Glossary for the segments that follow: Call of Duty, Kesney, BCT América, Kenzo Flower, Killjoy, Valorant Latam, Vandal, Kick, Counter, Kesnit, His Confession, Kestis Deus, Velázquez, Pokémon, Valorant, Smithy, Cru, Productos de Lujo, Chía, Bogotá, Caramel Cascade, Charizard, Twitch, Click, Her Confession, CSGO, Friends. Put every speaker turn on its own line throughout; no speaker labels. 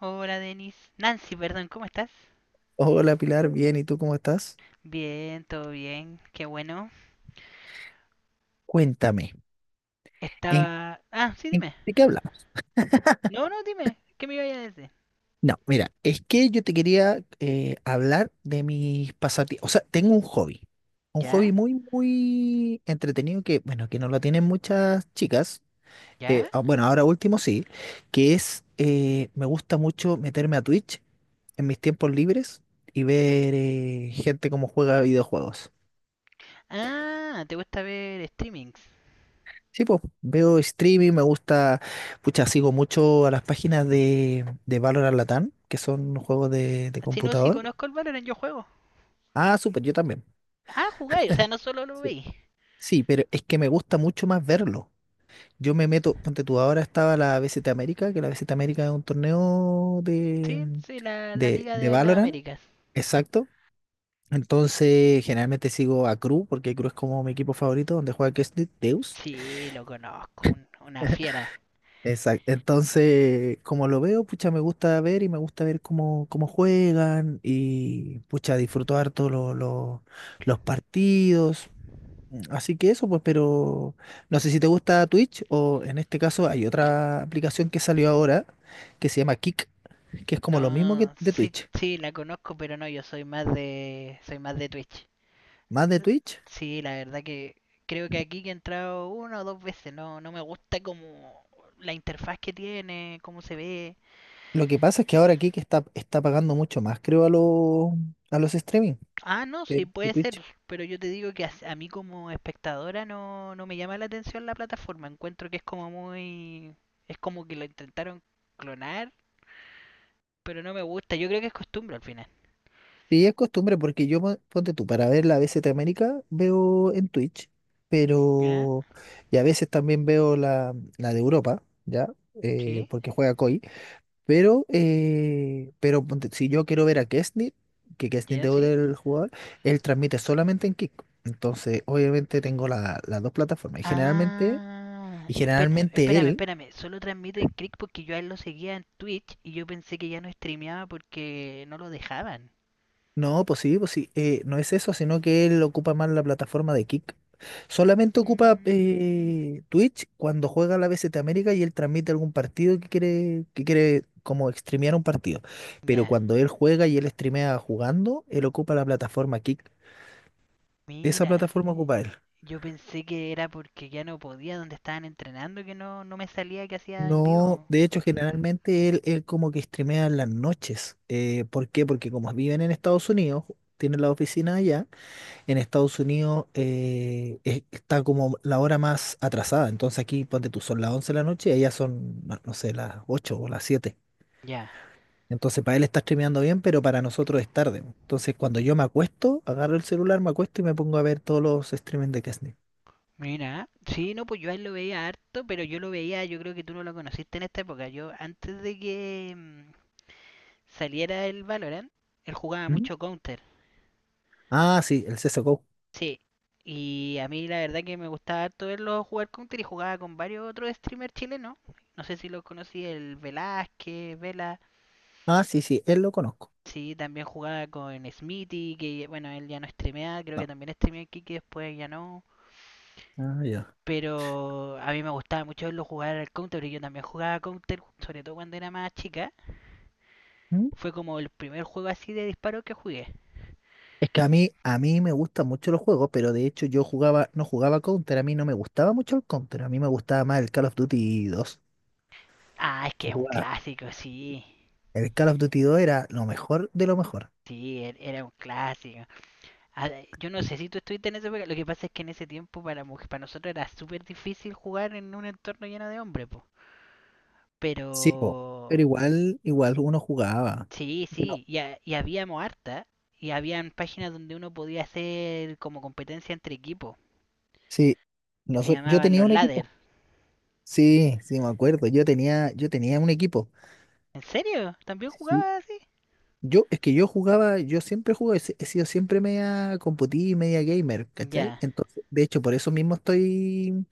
Hola Denis. Nancy, perdón, ¿cómo estás?
Hola Pilar, bien, ¿y tú cómo estás?
Bien, todo bien, qué bueno.
Cuéntame, ¿en,
Estaba... Ah, sí, dime.
de qué hablamos?
No, no, dime. ¿Qué me iba a decir?
No, mira, es que yo te quería hablar de mis pasatiempos. O sea, tengo un
¿Ya?
hobby muy, muy entretenido que, bueno, que no lo tienen muchas chicas.
¿Ya?
Bueno, ahora último sí, me gusta mucho meterme a Twitch en mis tiempos libres y ver gente cómo juega videojuegos.
Ah, ¿te gusta ver streamings?
Sí, pues veo streaming, me gusta, pucha, sigo mucho a las páginas de Valorant Latam, que son juegos de
Así no, sí
computador.
conozco el Valorant, yo juego.
Ah, súper, yo también.
Ah, jugáis, o sea, no solo lo
Sí.
veis.
Sí, pero es que me gusta mucho más verlo. Yo me meto, ponte tú, ahora estaba la BCT América, que la BCT América es un torneo de,
Sí, sí, la
de,
Liga
de
de las
Valorant,
Américas.
exacto. Entonces, generalmente sigo a Cru, porque Cru es como mi equipo favorito, donde juega Kestis Deus.
Sí, lo conozco, una fiera.
Exacto. Entonces, como lo veo, pucha, me gusta ver y me gusta ver cómo juegan y pucha, disfruto harto los partidos. Así que eso, pues, pero no sé si te gusta Twitch o en este caso hay otra aplicación que salió ahora que se llama Kick, que es como lo mismo que
No,
de
sí,
Twitch,
sí, la conozco, pero no, yo soy más de... Soy más de Twitch.
más de Twitch.
Sí, la verdad que creo que aquí que he entrado una o dos veces, no, no me gusta como la interfaz que tiene, cómo se ve.
Lo que pasa es que ahora Kick está pagando mucho más, creo, a los streaming
Ah, no,
que
sí,
que
puede ser,
Twitch.
pero yo te digo que a mí como espectadora no, no me llama la atención la plataforma, encuentro que es como muy... es como que lo intentaron clonar, pero no me gusta, yo creo que es costumbre al final.
Sí, es costumbre, porque yo, ponte tú, para ver la B BCT América veo en Twitch,
¿Ya?
pero y a veces también veo la de Europa, ¿ya?
¿Sí?
Porque juega COI, pero si yo quiero ver a Kesnit, que Kesnit
¿Ya?
es
¿Sí?
del jugador, él transmite solamente en Kick. Entonces, obviamente tengo las dos plataformas y generalmente,
Ah, espérame, espérame,
él.
espérame. Solo transmite en Click porque yo a él lo seguía en Twitch y yo pensé que ya no streameaba porque no lo dejaban.
No, pues sí, pues sí. No es eso, sino que él ocupa más la plataforma de Kick. Solamente ocupa
Mm,
Twitch cuando juega la BCT América y él transmite algún partido que quiere, como streamear un partido. Pero
ya,
cuando él juega y él streamea jugando, él ocupa la plataforma Kick. Esa
mira.
plataforma ocupa él.
Yo pensé que era porque ya no podía, donde estaban entrenando, que no, no me salía que hacía en
No,
vivo.
de hecho, generalmente él como que streamea en las noches. ¿Por qué? Porque como viven en Estados Unidos, tienen la oficina allá en Estados Unidos está como la hora más atrasada. Entonces aquí, ponte tú, son las 11 de la noche y allá son, no sé, las 8 o las 7.
Ya,
Entonces para él está streameando bien, pero para nosotros es tarde. Entonces cuando yo me acuesto, agarro el celular, me acuesto y me pongo a ver todos los streamings de Kesney.
mira. Sí, no, pues yo a él lo veía harto, pero yo lo veía, yo creo que tú no lo conociste en esta época. Yo antes de que saliera el Valorant, él jugaba
¿Mm?
mucho Counter.
Ah, sí, el CSGO.
Sí, y a mí la verdad que me gustaba harto verlo jugar Counter, y jugaba con varios otros streamers chilenos. No sé si los conocí, el Velázquez, Vela.
Ah, sí, sí, él lo conozco.
Sí, también jugaba con Smithy, que bueno, él ya no streamea, creo que
No.
también streameó aquí, que después ya no.
Ah, ya.
Pero a mí me gustaba mucho verlo jugar al Counter, porque yo también jugaba Counter, sobre todo cuando era más chica.
¿Mm?
Fue como el primer juego así de disparo que jugué.
Es que a mí me gustan mucho los juegos, pero de hecho no jugaba Counter, a mí no me gustaba mucho el Counter, a mí me gustaba más el Call of Duty 2.
Ah, es que
Que
es un
jugaba
clásico, sí.
El Call of Duty 2 era lo mejor de lo mejor.
Sí, era un clásico. Ah, yo no sé si tú estuviste en esa época. Lo que pasa es que en ese tiempo para, para nosotros era súper difícil jugar en un entorno lleno de hombres, po. Pero
Sí, po, pero igual, igual uno jugaba.
sí,
Que no.
sí. Y, habíamos harta. Y habían páginas donde uno podía hacer como competencia entre equipos.
Sí,
Que se
yo
llamaban
tenía
los
un
ladder.
equipo. Sí, sí, me acuerdo. Yo tenía un equipo.
¿En serio? ¿También
Sí.
jugabas así?
Es que yo siempre jugué, he si, he sido siempre media computí, media gamer, ¿cachai?
Ya,
Entonces, de hecho, por eso mismo estoy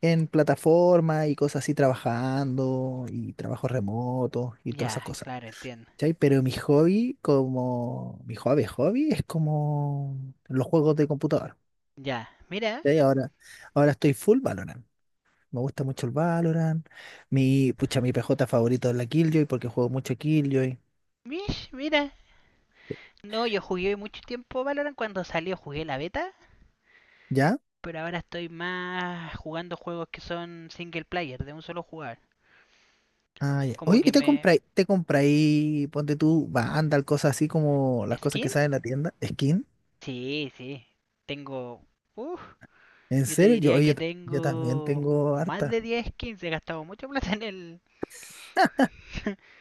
en plataforma y cosas así trabajando y trabajos remotos y todas esas
ya,
cosas.
claro, entiendo.
¿Cachai? Pero mi hobby, como mi hobby, hobby, es como los juegos de computador.
Ya, mira.
¿Cachai? Ahora estoy full Valorant. Me gusta mucho el Valorant. Mi PJ favorito es la Killjoy porque juego mucho Killjoy.
Mish, mira. No, yo jugué mucho tiempo Valorant cuando salió, jugué la beta,
¿Ya?
pero ahora estoy más jugando juegos que son single player, de un solo jugar.
Ah, ya.
Como
Oye,
que
¿y te
me...
compráis, te compráis, ponte tú, Vandal, cosas así como las cosas que salen
¿Skins?
en la tienda? ¿Skin?
Sí, sí. Tengo... Uf,
¿En
yo te
serio?
diría que
Oye, yo también
tengo
tengo
más de
harta.
10 skins. He gastado mucha plata en el...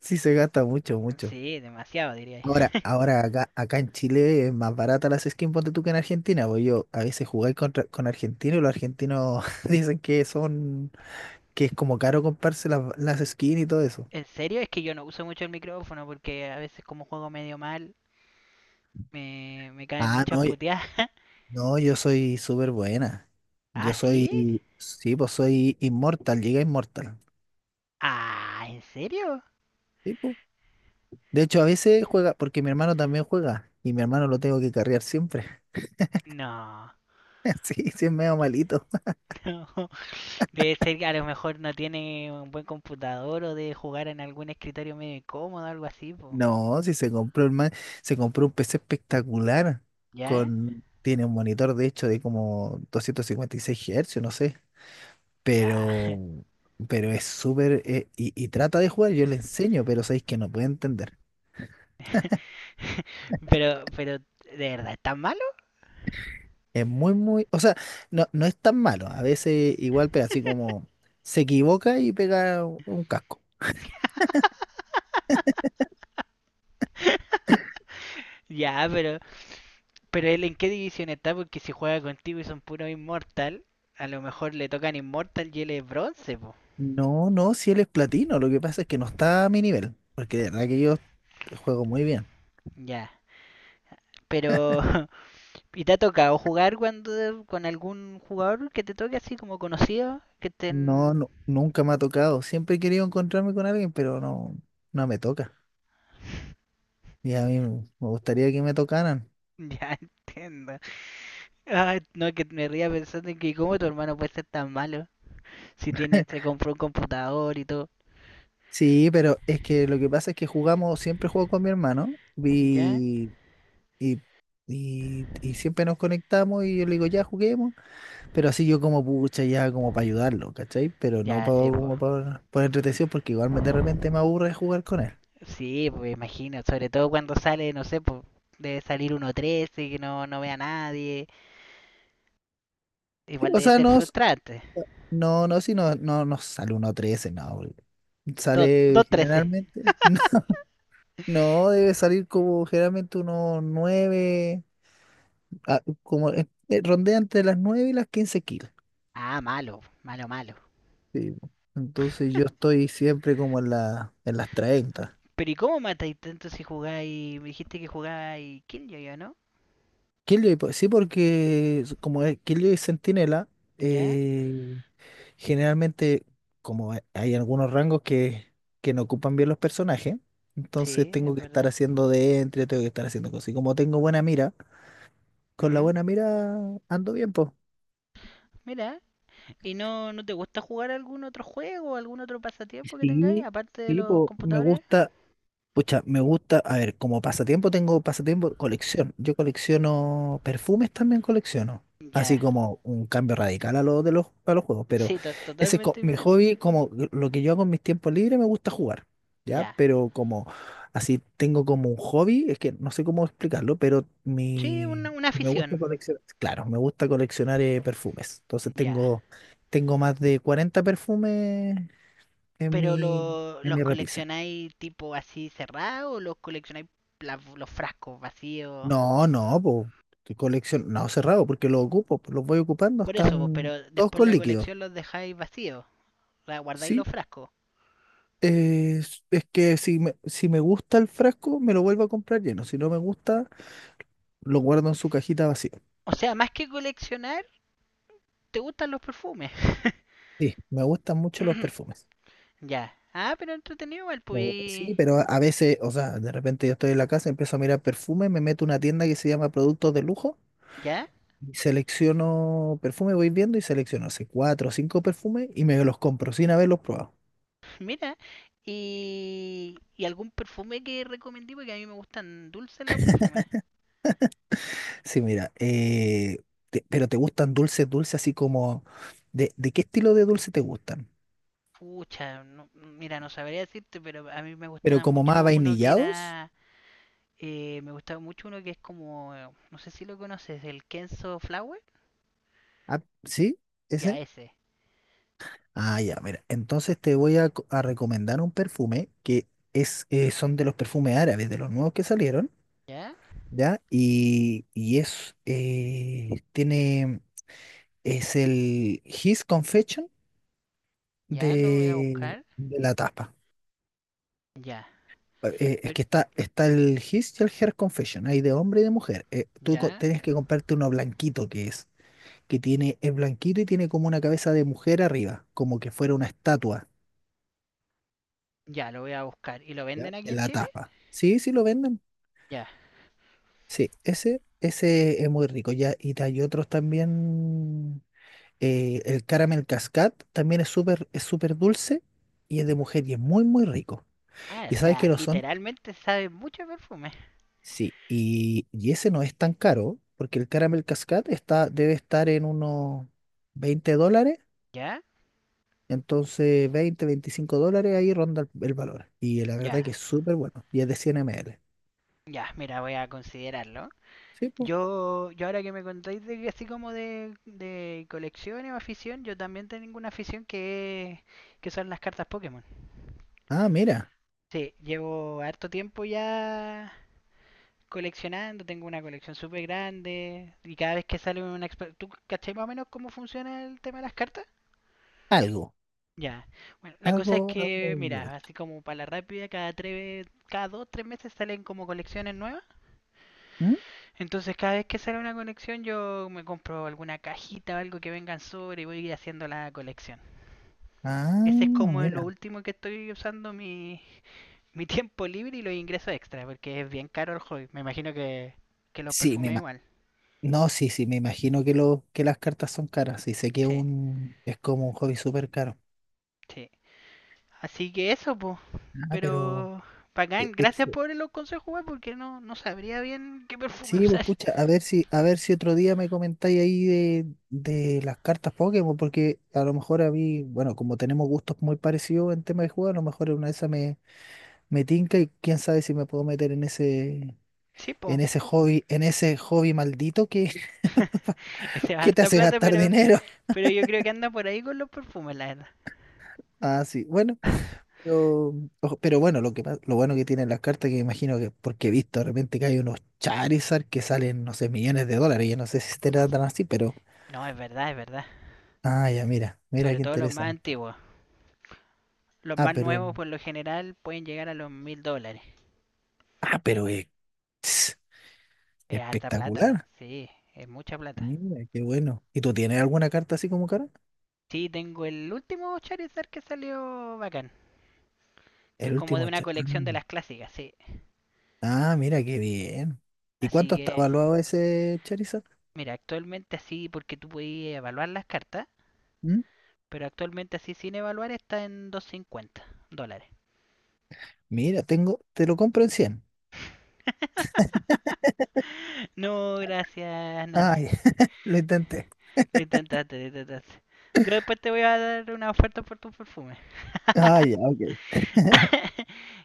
Sí, se gasta mucho, mucho.
sí, demasiado diría.
Ahora, ahora acá en Chile es más barata las skins, ponte tú que en Argentina, porque yo a veces jugué con argentinos y los argentinos dicen que es como caro comprarse las skins y todo eso.
En serio, es que yo no uso mucho el micrófono porque a veces como juego medio mal, me caen
Ah,
muchas
no,
puteadas.
no, yo soy súper buena.
¿Ah, sí?
Sí, pues soy inmortal, llegué a inmortal.
Ah, ¿en serio?
Sí, pues. De hecho, a veces juega, porque mi hermano también juega y mi hermano lo tengo que carrear siempre.
No.
Sí, sí, es medio malito.
Debe ser que a lo mejor no tiene un buen computador, o debe jugar en algún escritorio medio incómodo, algo así, po.
No, si se compró el man, se compró un PC espectacular
¿Ya?
con tiene un monitor de hecho de como 256 Hz, no sé,
Ya.
pero es súper y, trata de jugar, yo le enseño, pero sabéis que no puede entender.
Pero, ¿de verdad es tan malo?
Es muy muy, o sea, no es tan malo, a veces igual pero así como se equivoca y pega un casco.
Ya, pero él en qué división está, porque si juega contigo y son puro inmortal, a lo mejor le tocan inmortal y él es bronce, po.
No, no, si él es platino, lo que pasa es que no está a mi nivel, porque de verdad que yo juego muy bien.
Ya. Pero, ¿y te ha tocado jugar cuando con algún jugador que te toque así como conocido? Que
No,
estén.
no, nunca me ha tocado. Siempre he querido encontrarme con alguien, pero no, no me toca. Y a mí me gustaría que me tocaran.
Ya entiendo. Ay, no, que me ría pensando en que cómo tu hermano puede ser tan malo si tiene, se compró un computador y todo.
Sí, pero es que lo que pasa es que jugamos, siempre juego con mi hermano
¿Ya?
y, y siempre nos conectamos y yo le digo, ya juguemos, pero así yo como pucha, ya como para ayudarlo, ¿cachai? Pero no
Ya, sí, pues.
como para por entretención porque igual de repente me aburre jugar con él.
Sí, pues imagino, sobre todo cuando sale, no sé, pues debe salir 1-13 que no, no ve a nadie.
Sí,
Igual
o
debe
sea,
ser
no,
frustrante.
no, no, si no, no, no sale uno 13 no. Porque
Dos
sale
trece
generalmente. No, debe salir como generalmente unos 9 ah, como rondea entre las 9 y las 15 kilos.
Ah, malo, malo, malo.
Sí, po. Entonces yo estoy siempre como en, en las 30.
Pero ¿y cómo matáis tanto si jugáis? Me dijiste que jugáis Killjoy, yo, ¿no?
Killjoy, pues, sí, porque como es Killjoy y Centinela,
¿Ya?
eh, generalmente como hay algunos rangos que no ocupan bien los personajes, entonces
Sí,
tengo
es
que estar
verdad.
haciendo cosas. Y como tengo buena mira, con la
Ujú.
buena mira ando bien.
Mira, ¿y no, no te gusta jugar algún otro juego, algún otro pasatiempo que tengáis,
Sí,
aparte de
sí,
los
po, me
computadores?
gusta, pucha, me gusta, a ver, como pasatiempo tengo pasatiempo, colección. Yo colecciono perfumes también colecciono.
Ya,
Así como un cambio radical a los juegos. Pero
sí,
ese es
totalmente
mi
diferente.
hobby, como lo que yo hago en mis tiempos libres, me gusta jugar. ¿Ya?
Ya,
Pero como así tengo como un hobby, es que no sé cómo explicarlo, pero
sí,
mi
una
y me gusta
afición.
coleccionar, claro, me gusta coleccionar perfumes. Entonces
Ya,
tengo más de 40 perfumes en
pero
mi, en
¿los
mi repisa.
coleccionáis tipo así cerrado o los coleccionáis los frascos vacíos?
No, no, pues, que colección, no, cerrado, porque los ocupo, po, los voy ocupando,
Por eso, po,
están
pero
todos
después
con
la
líquido.
colección los dejáis vacíos. ¿La guardáis
Sí,
los frascos?
es que si me gusta el frasco, me lo vuelvo a comprar lleno. Si no me gusta, lo guardo en su cajita vacía.
O sea, más que coleccionar, te gustan los perfumes.
Sí, me gustan mucho los perfumes.
Ya. Ah, pero entretenido igual,
Me gusta,
pues.
sí, pero a veces, o sea, de repente yo estoy en la casa, empiezo a mirar perfume, me meto a una tienda que se llama Productos de Lujo,
Ya,
y selecciono perfume, voy viendo y selecciono hace cuatro o cinco perfumes y me los compro sin haberlos probado.
mira. Y, ¿y algún perfume que recomendí?, porque a mí me gustan dulces los perfumes.
Sí, mira, pero ¿te gustan dulces, dulces así como... ¿de qué estilo de dulce te gustan?
Pucha, mira, no sabría decirte, pero a mí me
¿Pero
gustaba
como más
mucho uno que
vainillados?
era. Me gustaba mucho uno que es como. No sé si lo conoces, el Kenzo Flower.
Ah, ¿sí?
Ya,
¿Ese?
ese.
Ah, ya, mira. Entonces te voy a recomendar un perfume que son de los perfumes árabes, de los nuevos que salieron,
Ya,
¿ya? Y es el His Confession
ya lo voy a
de,
buscar.
de la tapa.
Ya,
Es
pero.
que está el His y el Her Confession, hay de hombre y de mujer. Tú
Ya,
tienes que comprarte uno blanquito que es, que tiene, es blanquito y tiene como una cabeza de mujer arriba, como que fuera una estatua
ya, lo voy a buscar. ¿Y lo
¿ya?
venden aquí
En
en
la
Chile?
tapa. Sí, sí lo venden.
Ya.
Sí, ese es muy rico. Ya, y hay otros también. El Caramel Cascade también es súper dulce y es de mujer y es muy, muy rico.
Ah,
¿Y
o
sabes
sea,
que no son?
literalmente sabe mucho a perfume.
Sí, y ese no es tan caro, porque el Caramel Cascade debe estar en unos 20 dólares,
Ya,
entonces 20 25 dólares ahí ronda el valor. Y la verdad
ya,
que es súper bueno, y es de 100 ml.
ya. Mira, voy a considerarlo.
Sí, pues.
Yo ahora que me contáis de que así como de colecciones o afición, yo también tengo una afición que, que son las cartas Pokémon.
Ah, mira,
Sí, llevo harto tiempo ya coleccionando, tengo una colección súper grande y cada vez que sale una... ¿Tú cachai más o menos cómo funciona el tema de las cartas?
algo,
Ya. Bueno, la cosa es
algo,
que,
algo.
mira, así como para la rápida, cada tres, cada dos, tres meses salen como colecciones nuevas.
¿Mm?
Entonces, cada vez que sale una colección, yo me compro alguna cajita o algo que vengan sobre, y voy a ir haciendo la colección.
Ah,
Ese es como lo
mira.
último que estoy usando mi, mi tiempo libre y los ingresos extra, porque es bien caro el hobby. Me imagino que, los
Sí,
perfumes igual.
no, sí, sí, me imagino que las cartas son caras, y sé que
Sí,
es como un hobby súper caro.
sí. Así que eso, pues.
Ah, pero...
Pero, bacán, gracias por los consejos, weón, porque no, no sabría bien qué perfume
Sí, pues
usar.
pucha, a ver si otro día me comentáis ahí de las cartas Pokémon, porque a lo mejor a mí, bueno, como tenemos gustos muy parecidos en tema de juego, a lo mejor en una de esas me tinca y quién sabe si me puedo meter
Sí, po.
en ese hobby maldito que
Se va
que te
harta
hace
plata,
gastar dinero.
pero yo creo que anda por ahí con los perfumes, la verdad.
Ah, sí, bueno, pero, ojo, pero bueno, lo bueno que tienen las cartas, que imagino que, porque he visto de repente que hay unos Charizard que salen, no sé, millones de dólares, yo no sé si estarán tan así, pero
No, es verdad, es verdad.
Ah, ya, mira, mira
Sobre
qué
todo los más
interesante.
antiguos. Los
Ah,
más
pero,
nuevos, por lo general, pueden llegar a los $1000.
ah, pero es
Es harta plata,
espectacular.
sí, es mucha plata.
Mira, qué bueno. ¿Y tú tienes alguna carta así como cara?
Sí, tengo el último Charizard que salió bacán, que es
El
como de
último
una
ah,
colección de las clásicas, sí.
ah, mira, qué bien. ¿Y
Así
cuánto está
que,
evaluado ese Charizard?
mira, actualmente así, porque tú puedes evaluar las cartas,
¿Mm?
pero actualmente así sin evaluar está en $250.
Mira, te lo compro en 100.
No, gracias,
Ah,
Nancy.
ya, lo intenté.
Lo intentaste, lo intentaste. Yo después te voy a dar una oferta por tu perfume.
Ah, ya, ok.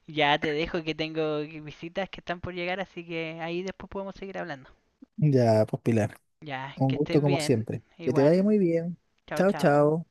Ya te dejo que tengo visitas que están por llegar, así que ahí después podemos seguir hablando.
Ya, pues Pilar,
Ya,
un
que
gusto
estés
como
bien.
siempre. Que te vaya
Igual.
muy bien.
Chao,
Chao,
chao.
chao.